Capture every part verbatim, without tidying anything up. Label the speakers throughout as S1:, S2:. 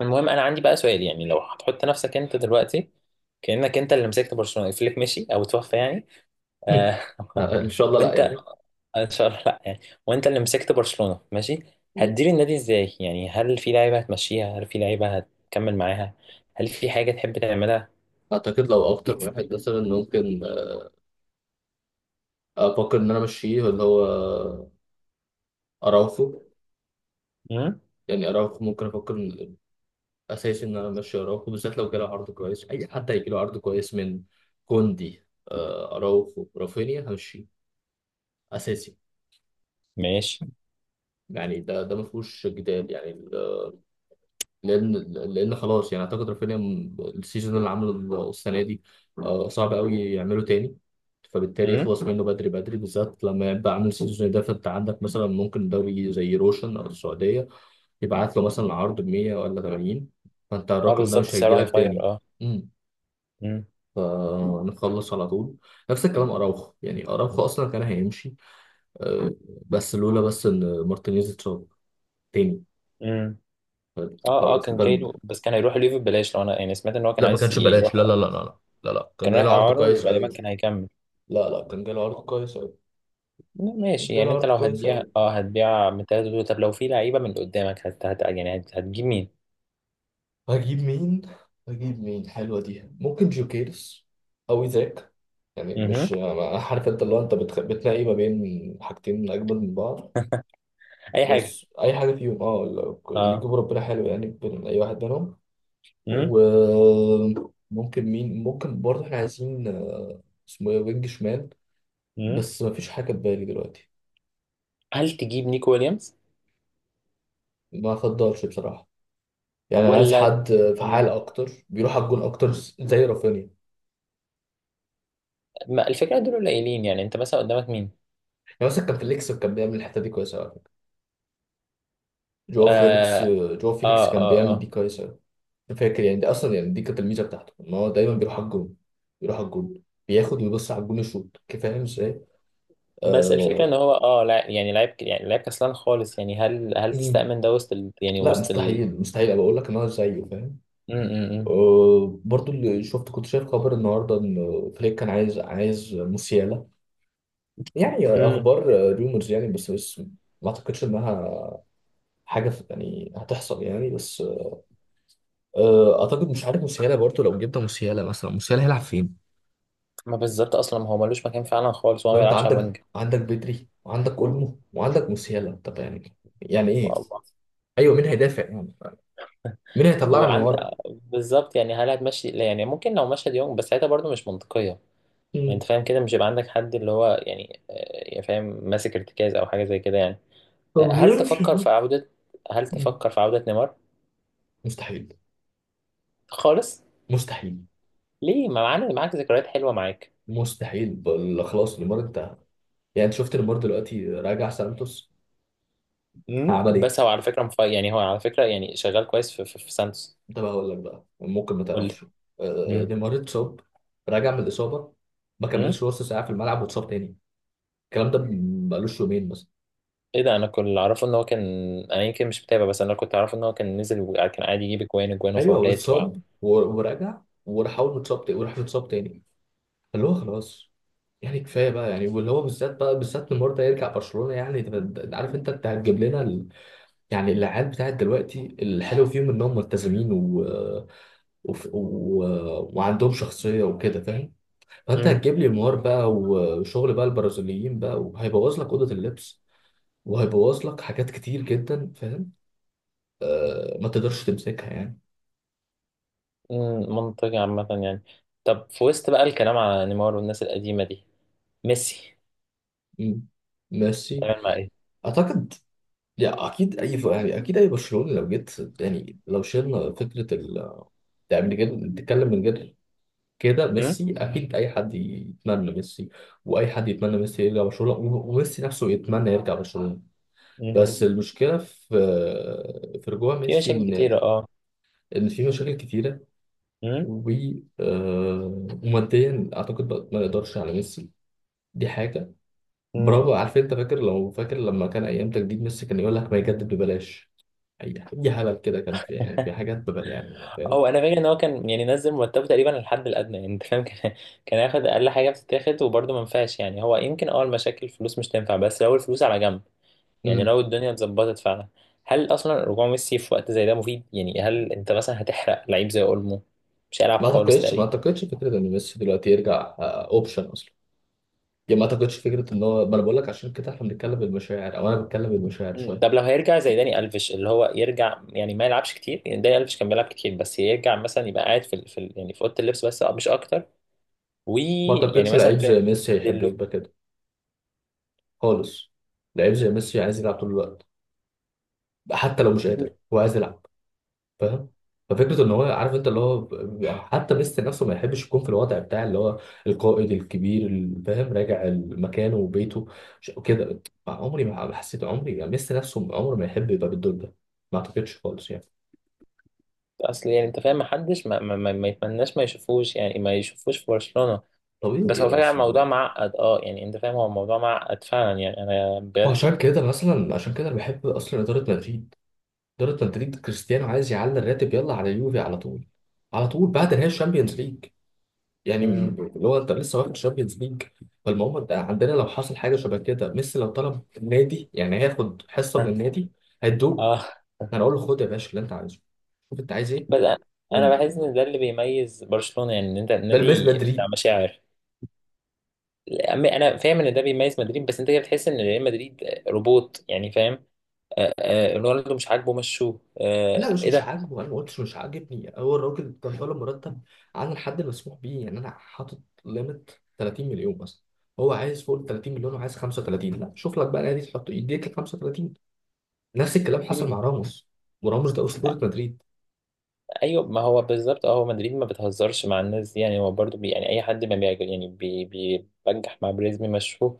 S1: المهم انا عندي بقى سؤال يعني لو هتحط نفسك انت دلوقتي كأنك انت اللي مسكت برشلونة فليك مشي او توفى يعني
S2: مم.
S1: آه
S2: ان شاء الله لا
S1: وانت
S2: يعني.
S1: آه، ان شاء الله لا يعني. وانت اللي مسكت برشلونة ماشي،
S2: مم.
S1: هتدير النادي ازاي؟ يعني هل في لعيبة هتمشيها؟ هل في لعيبة هتكمل معاها؟ هل في حاجة تحب تعملها؟
S2: اعتقد لو اكتر واحد مثلا ممكن افكر ان انا امشيه اللي هو اراوخو.
S1: امم
S2: يعني اراوخو ممكن افكر إن- اساسي، ان انا امشي اراوخو بالذات لو جاله عرض كويس. اي حد هيجي له عرض كويس من كوندي. آه، اراوخو رافينيا همشي اساسي.
S1: ماشي.
S2: يعني ده ده ما فيهوش جدال يعني. لان لان خلاص. يعني اعتقد رافينيا، م- السيزون اللي عمله السنه دي، آه، صعب قوي يعمله تاني. فبالتالي
S1: امم
S2: يخلص منه بدري بدري، بالذات لما يبقى عامل سيزون ده. فانت عندك مثلا ممكن دوري زي روشن او السعوديه يبعت له مثلا عرض ب مية ولا تمانين، فانت
S1: اه
S2: الرقم ده
S1: بالظبط
S2: مش هيجي
S1: سعره
S2: لك
S1: هيفاير.
S2: تاني.
S1: اه.
S2: امم.
S1: امم.
S2: فنخلص على طول. نفس الكلام اراوخو. يعني اراوخو اصلا كان هيمشي، آه، بس لولا بس ان مارتينيز اتصاب تاني.
S1: امم. اه اه كان جاي له بس كان هيروح ليفل ببلاش لو انا يعني سمعت ان هو كان
S2: لا ما
S1: عايز
S2: كانش
S1: يروح.
S2: بلاش، لا لا لا لا لا. لا لا، كان
S1: كان رايح
S2: جاله عرض
S1: اعاره
S2: كويس قوي.
S1: وغالبا كان هيكمل.
S2: لا لا، كان جاله عرض كويس قوي.
S1: لا،
S2: كان
S1: ماشي،
S2: جاله
S1: يعني انت
S2: عرض
S1: لو
S2: كويس
S1: هتبيع
S2: قوي.
S1: اه هتبيع من ثلاثة دول، طب لو في لعيبة من قدامك هت... هت... يعني هت... هتجيب مين؟
S2: هجيب مين؟ هجيب مين حلوه دي؟ ممكن جوكيرس او ايزاك. يعني
S1: اها.
S2: مش أنا عارف، انت اللي هو انت بتخ... بتلاقي ما بين حاجتين اجمد من بعض.
S1: اي حاجة.
S2: بس اي حاجه فيهم، اه لو- اللي
S1: اه.
S2: يجيبه ربنا حلو يعني، بين اي واحد منهم.
S1: امم.
S2: وممكن مين، ممكن برضه احنا عايزين، آه، اسمه ايه، وينج شمال.
S1: امم.
S2: بس مفيش حاجه في بالي دلوقتي.
S1: هل تجيب نيكو ويليامز
S2: ما افضلش بصراحه. يعني انا عايز
S1: ولا؟
S2: حد فعال
S1: مم.
S2: اكتر، بيروح على الجون اكتر، زي رافينيا.
S1: ما الفكرة دول قليلين، يعني انت مثلا قدامك مين؟
S2: يعني مثلا كان فيليكس كان بيعمل الحته دي كويسه على فكره. جواو فيليكس
S1: اه
S2: جواو
S1: اه
S2: فيليكس كان
S1: اه،
S2: بيعمل دي
S1: آه.
S2: كويسه. أنا فاكر يعني دي اصلا، يعني دي كانت الميزه بتاعته ان هو دايما بيروح على الجون. بيروح على الجون، بياخد ويبص على الجون يشوط، كيف؟ فاهم ازاي؟
S1: بس الفكرة ان
S2: آه...
S1: هو اه لا يعني لعيب ك- يعني لعيب كسلان خالص، يعني هل هل
S2: مم.
S1: تستأمن ده وسط ال... يعني
S2: لا
S1: وسط ال...
S2: مستحيل، مستحيل أبقى اقول لك ان هو زيه، فاهم.
S1: مم، مم،
S2: آه... برضو اللي شفت، كنت شايف خبر النهارده ان فليك كان عايز عايز موسيالا. يعني
S1: مم. مم.
S2: اخبار ريومرز يعني، بس بس ما اعتقدش انها حاجه في- يعني هتحصل يعني. بس آه، اعتقد مش عارف. مسياله برضه، لو جبنا مسياله مثلا، مسياله هيلعب فين؟
S1: ما بالظبط اصلا، ما هو ملوش مكان فعلا خالص وهو
S2: ما
S1: ما
S2: انت
S1: بيلعبش على
S2: عندك عندك بدري، وعندك اولمو، وعندك مسياله. طب يعني يعني ايه؟
S1: الوينج.
S2: ايوه، مين هيدافع يعني؟ مين هيطلعنا من
S1: وعند،
S2: ورا؟
S1: بالظبط، يعني هل هتمشي؟ لا، يعني ممكن لو مشهد يوم بس ساعتها برضه مش منطقية. يعني انت
S2: مم.
S1: فاهم كده مش هيبقى عندك حد اللي هو يعني آه، يعني فاهم ماسك ارتكاز او حاجة زي كده يعني.
S2: هو
S1: آه، هل
S2: بيعرف
S1: تفكر
S2: يعمل.
S1: في عودة، هل
S2: مم.
S1: تفكر في عودة نيمار؟
S2: مستحيل.
S1: خالص.
S2: مستحيل
S1: ليه؟ ما معانا معاك ذكريات حلوة معاك.
S2: مستحيل بل- خلاص نيمار، انت يعني انت شفت نيمار دلوقتي راجع سانتوس؟
S1: امم.
S2: عمل ايه؟
S1: بس هو على فكرة مف... يعني هو على فكرة يعني شغال كويس في في, في سانتوس.
S2: ده بقى هقول لك بقى ممكن ما
S1: قول لي.
S2: تعرفش. آه،
S1: امم.
S2: نيمار اتصاب، راجع من الاصابه، ما
S1: امم.
S2: كملش نص ساعه في الملعب واتصاب تاني. الكلام ده م- بقالوش يومين مثلا.
S1: ايه ده؟ انا كنت اللي اعرفه ان هو كان، انا يمكن مش متابع بس انا كنت اعرفه ان هو كان نزل وكان عادي يجيب اجوان اجوان
S2: ايوه هو
S1: وفاولات و...
S2: اتصاب و- ورجع وراح. اول ما اتصاب تاني وراح اتصاب تاني، اللي هو خلاص. يعني كفايه بقى يعني. واللي هو بالذات بقى، بالذات نيمار ده يرجع برشلونه؟ يعني ده ده- ده، عارف انت انت هتجيب لنا ال... يعني العيال بتاعت دلوقتي الحلو فيهم انهم ملتزمين و... وف- و... وعندهم شخصيه وكده، فاهم؟ فانت
S1: مم.
S2: هتجيب لي نيمار بقى، وشغل بقى البرازيليين بقى، وهيبوظ لك اوضه اللبس، وهيبوظ لك حاجات كتير جدا، فاهم. ما تقدرش تمسكها يعني.
S1: مم، منطقي عامة يعني. طب في وسط بقى الكلام على نيمار والناس القديمة دي، ميسي
S2: مم. ميسي.
S1: هتعمل مع ايه؟
S2: اعتقد يعني اكيد اي ف- يعني اكيد اي برشلوني لو جيت، يعني لو شلنا فكره ال، يعني من غير تتكلم، من غير كده،
S1: مم؟
S2: ميسي اكيد اي حد يتمنى ميسي. واي حد يتمنى ميسي يرجع برشلونه، و- وميسي نفسه يتمنى يرجع برشلونه.
S1: مم.
S2: بس المشكله في، في رجوع
S1: في
S2: ميسي،
S1: مشاكل
S2: ان
S1: كتيرة اه.
S2: ان في مشاكل كتيره،
S1: مم؟
S2: و آه، وماديا اعتقد بقى ما نقدرش على ميسي. دي حاجه.
S1: مم.
S2: برافو، عارف انت فاكر؟ لو فاكر لما كان ايام تجديد ميسي كان يقول لك ما يجدد ببلاش. اي، أي هبل كده كان في، يعني في حاجات ببل يعني، فاهم.
S1: هو انا فاكر ان هو كان يعني نزل مرتبه تقريبا الحد الادنى، يعني انت فاهم كان كان ياخد اقل حاجه بتتاخد وبرضه ما ينفعش. يعني هو يمكن اه المشاكل الفلوس مش تنفع، بس لو الفلوس على جنب، يعني
S2: امم.
S1: لو الدنيا اتظبطت فعلا، هل اصلا رجوع ميسي في وقت زي ده مفيد؟ يعني هل انت مثلا هتحرق لعيب زي اولمو مش هيلعب
S2: ما
S1: خالص
S2: اعتقدش ما
S1: تقريبا؟
S2: اعتقدش فكره ان ميسي دلوقتي يرجع اوبشن اصلا. يعني ما اعتقدش فكره ان هو، ما انا بقول لك عشان كده احنا بنتكلم بالمشاعر، او انا بتكلم بالمشاعر
S1: مم.
S2: شويه.
S1: طب لو هيرجع زي داني الفيش اللي هو يرجع يعني ما يلعبش كتير، يعني داني الفيش كان بيلعب كتير، بس يرجع مثلا يبقى قاعد في ال- في ال- يعني في اوضه اللبس بس، أه، مش اكتر.
S2: ما
S1: ويعني
S2: اعتقدش
S1: مثلا
S2: لعيب
S1: فاهم.
S2: زي ميسي هيحب
S1: يديله.
S2: يبقى كده خالص. لعيب زي ميسي عايز يلعب طول الوقت. حتى لو مش قادر هو عايز يلعب، فاهم. ففكره ان هو، عارف انت اللي هو ب- حتى ميسي نفسه ما يحبش يكون في الوضع بتاع اللي هو القائد الكبير اللي فاهم راجع مكانه وبيته ش- وكده. عمري ما حسيت، عمري يعني ميسي نفسه عمره ما يحب يبقى بالدور ده. ما اعتقدش خالص يعني.
S1: اصل يعني انت فاهم محدش ما, ما, ما, ما يتمناش ما يشوفوش، يعني ما يشوفوش في برشلونه. بس
S2: طبيعي
S1: هو فعلا
S2: اصل.
S1: الموضوع معقد اه، يعني انت فاهم هو الموضوع معقد فعلا يعني انا بجد.
S2: وعشان كده مثلا، عشان كده انا بحب اصلا اداره مدريد. اداره مدريد، كريستيانو عايز يعلي الراتب، يلا على اليوفي على طول. على طول بعد نهائي الشامبيونز ليج، يعني من-
S1: مم.
S2: اللي هو انت لسه واخد الشامبيونز ليج. فالمهم انت عندنا لو حصل حاجه شبه كده، ميسي لو طلب النادي يعني هياخد حصه من النادي هيدوله.
S1: اه
S2: هنقول له خد يا باشا اللي انت عايزه، شوف انت عايز ايه.
S1: بس انا، أنا
S2: وانت،
S1: بحس ان ده اللي بيميز برشلونه، يعني ان انت
S2: ده الميز
S1: النادي بتاع
S2: مدريد.
S1: مشاعر. انا فاهم ان ده بيميز مدريد، بس انت كده بتحس ان ريال مدريد روبوت يعني فاهم. آه، آه، رونالدو مش عاجبه مشوه،
S2: لا
S1: آه،
S2: مش
S1: ايه
S2: مش
S1: ده.
S2: عاجبه، انا ما قلتش مش عاجبني. هو الراجل كان طالب مرتب عن الحد المسموح بيه، يعني انا حاطط ليميت تلاتين مليون مثلا. هو عايز فوق ال تلاتين مليون وعايز خمسه وتلاتين. لا، شوف لك بقى نادي تحط يديك ال خمسة وثلاثين. نفس الكلام حصل
S1: مم،
S2: مع راموس، وراموس ده اسطوره مدريد.
S1: ايوه ما هو بالظبط اه، هو مدريد ما بتهزرش مع الناس دي، يعني هو برضو بي يعني اي حد ما بيعجب يعني بي- بيبجح مع بريزمي مشوه.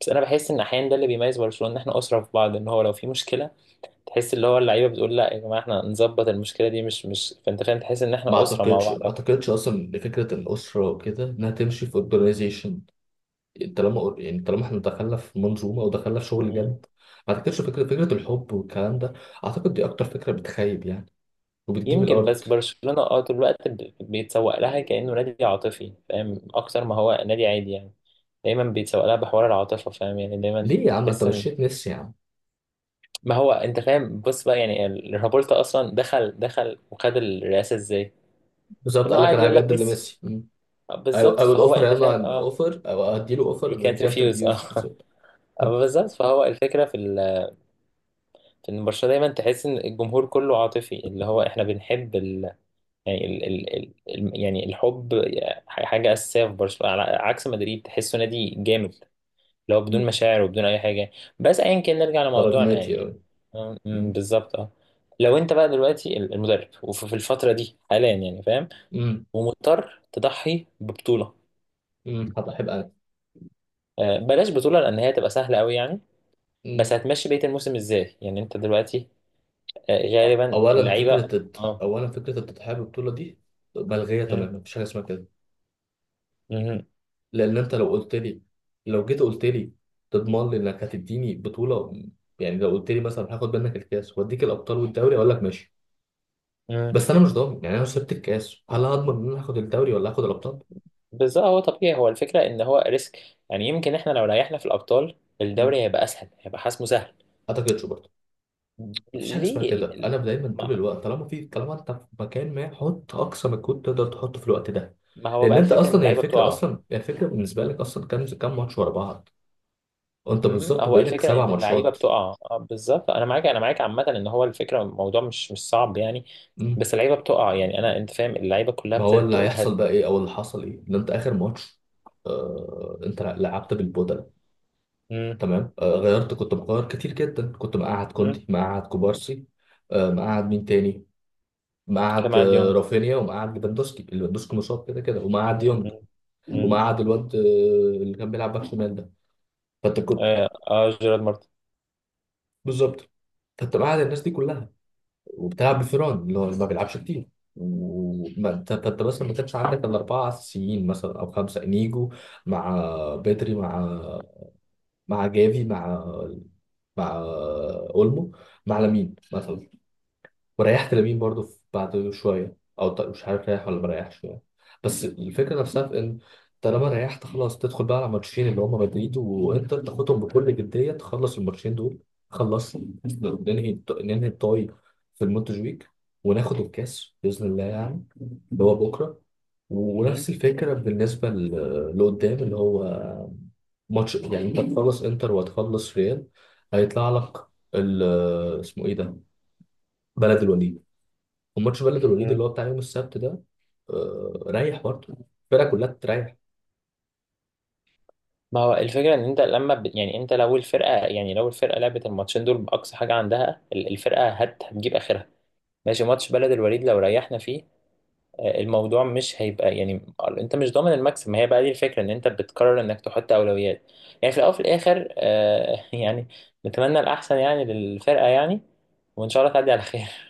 S1: بس انا بحس ان احيانا ده اللي بيميز برشلونه، ان احنا اسره في بعض، ان هو لو في مشكله تحس اللي هو اللعيبه بتقول لا يا جماعه احنا نظبط المشكله دي، مش مش فانت فاهم تحس ان
S2: ما
S1: احنا اسره مع
S2: اعتقدش
S1: بعض.
S2: ما اعتقدش اصلا ان فكره الاسره وكده انها تمشي في اورجانيزيشن. طالما يعني طالما احنا دخلنا في منظومه او دخلنا في شغل جد، ما اعتقدش فكره فكره الحب والكلام ده. اعتقد دي اكتر فكره بتخيب يعني، وبتجيب
S1: يمكن
S2: الارض.
S1: بس برشلونة اه طول الوقت ب- بيتسوق لها كأنه نادي عاطفي، فاهم اكتر ما هو نادي عادي يعني. دايما بيتسوق لها بحوار العاطفة، فاهم يعني دايما
S2: ليه يا عم انت
S1: بتحس ان،
S2: مشيت ميسي يا عم؟
S1: ما هو انت فاهم بص بقى يعني ال- رابولتا اصلا دخل دخل وخد الرئاسة ازاي؟
S2: بالظبط،
S1: انه
S2: قال لك
S1: قاعد
S2: انا
S1: يقول لك
S2: هجدد
S1: ميسي،
S2: لميسي. مم.
S1: آه،
S2: او
S1: بالظبط،
S2: او
S1: فهو
S2: الاوفر يا
S1: انت فاهم
S2: عم،
S1: اه
S2: الاوفر او هديله
S1: he
S2: اوفر، هي
S1: can't
S2: كانت
S1: refuse
S2: ريفيوز
S1: اه
S2: بالظبط.
S1: آه، بالظبط، فهو الفكرة في ال- في ان برشلونة دايما تحس ان الجمهور كله عاطفي، اللي هو احنا بنحب يعني ال ال ال ال- يعني الحب، ح- حاجة أساسية في برشلونة، على عكس مدريد تحسه نادي جامد، لو بدون
S2: مم.
S1: مشاعر وبدون أي حاجة. بس أيا كان نرجع
S2: ده
S1: لموضوعنا
S2: رقماتي
S1: يعني.
S2: قوي.
S1: أم- أم، بالظبط أه. لو أنت بقى دلوقتي ال- المدرب وفي في الفترة دي حاليا يعني فاهم، ومضطر تضحي ببطولة،
S2: هبقى احب.
S1: آه، بلاش بطولة لأن هي تبقى سهلة أوي يعني،
S2: انا
S1: بس هتمشي بقية الموسم إزاي يعني أنت دلوقتي؟ آه، غالبا
S2: اولا،
S1: اللعيبة.
S2: فكره الت-
S1: أه.
S2: اولا فكره التضحيه بالبطوله دي ملغيه
S1: أم،
S2: تماما، مفيش حاجه اسمها كده.
S1: أم،
S2: لان انت لو قلت لي، لو جيت قلت لي تضمن لي انك هتديني بطوله، يعني لو قلت لي مثلا هاخد منك الكاس واديك الابطال والدوري، اقول لك ماشي.
S1: أم.
S2: بس انا مش ضامن. يعني انا لو سبت الكاس، هل هضمن ان انا هاخد الدوري ولا هاخد الابطال؟
S1: بالظبط، هو طبيعي، هو الفكرة ان هو ريسك، يعني يمكن احنا لو ريحنا في الابطال
S2: ما
S1: الدوري هيبقى اسهل، هيبقى حسمه سهل.
S2: اعتقدش برضه. مفيش حاجه اسمها
S1: ليه ال-
S2: كده.
S1: ال-
S2: انا دايما طول
S1: ما,
S2: الوقت، طالما في، طالما انت في مكان، ما حط اقصى مجهود تقدر تحطه في الوقت ده.
S1: ما هو
S2: لان
S1: بقى
S2: انت
S1: الفكرة ان
S2: اصلا هي
S1: اللعيبة
S2: الفكره،
S1: بتقع.
S2: اصلا هي الفكره بالنسبه لك، اصلا كام كام ماتش ورا بعض؟ وانت
S1: مهم.
S2: بالظبط
S1: هو
S2: بقالك
S1: الفكرة
S2: سبع
S1: ان اللعيبة
S2: ماتشات
S1: بتقع، آه، بالظبط انا معاك، انا معاك عامة، ان هو الفكرة الموضوع مش مش صعب يعني،
S2: مم.
S1: بس اللعيبة بتقع، يعني انا انت فاهم اللعيبة كلها
S2: ما هو
S1: ابتدت
S2: اللي
S1: تجهد.
S2: هيحصل بقى ايه، او اللي حصل ايه، ان انت اخر ماتش آه انت لعبت بالبودلة.
S1: مم.
S2: تمام، آه غيرت، كنت مغير كتير جدا، كنت مقعد
S1: مم.
S2: كوندي، مقعد كوبارسي، آه مقعد مين تاني، مقعد
S1: كما عاد
S2: آه
S1: يونغ.
S2: رافينيا، ومقعد ليفاندوسكي. ليفاندوسكي مصاب كده كده. ومقعد
S1: مم.
S2: يونج،
S1: مم. مم.
S2: ومقعد الواد آه اللي كان بيلعب باك شمال ده. فانت كنت،
S1: اه آه، جيرارد مارتن.
S2: بالظبط. فانت مقعد الناس دي كلها، وبتلعب بفيران اللي هو اللي ما بيلعبش كتير. وما انت انت انت مثلا ما كانش عندك الا اربعه اساسيين مثلا او خمسه. انيجو مع بدري مع مع جافي مع مع اولمو مع لامين مثلا. وريحت لامين برضو في- بعد شويه، او ط- مش عارف ريح ولا مريحش يعني. بس الفكره نفسها في ان، طالما ريحت خلاص، تدخل بقى على ماتشين اللي هم مدريد وانتر، تاخدهم بكل جديه، تخلص الماتشين دول. خلص. ننهي الط- ننهي الطاي في المونتجويك، وناخد الكاس باذن الله يعني، اللي هو بكره. ونفس الفكره بالنسبه ل- لقدام اللي هو ماتش. يعني انت هتخلص انتر وهتخلص ريال، هيطلع لك ال- اسمه ايه ده، بلد الوليد. وماتش بلد الوليد
S1: مم.
S2: اللي هو بتاع يوم السبت ده، آه، ريح برضه. الفرقه كلها تريح.
S1: ما هو الفكرة ان انت لما ب... يعني انت لو الفرقة، يعني لو الفرقة لعبت الماتشين دول بأقصى حاجة عندها ال- الفرقة هت... هتجيب آخرها. ماشي، ماتش بلد الوليد لو ريحنا فيه، آه، الموضوع مش هيبقى يعني، انت مش ضامن المكسب، ما هي بقى دي الفكرة، ان انت بتقرر انك تحط أولويات يعني في الأول وفي الآخر، آه، يعني نتمنى الأحسن يعني للفرقة يعني، وإن شاء الله تعدي على خير.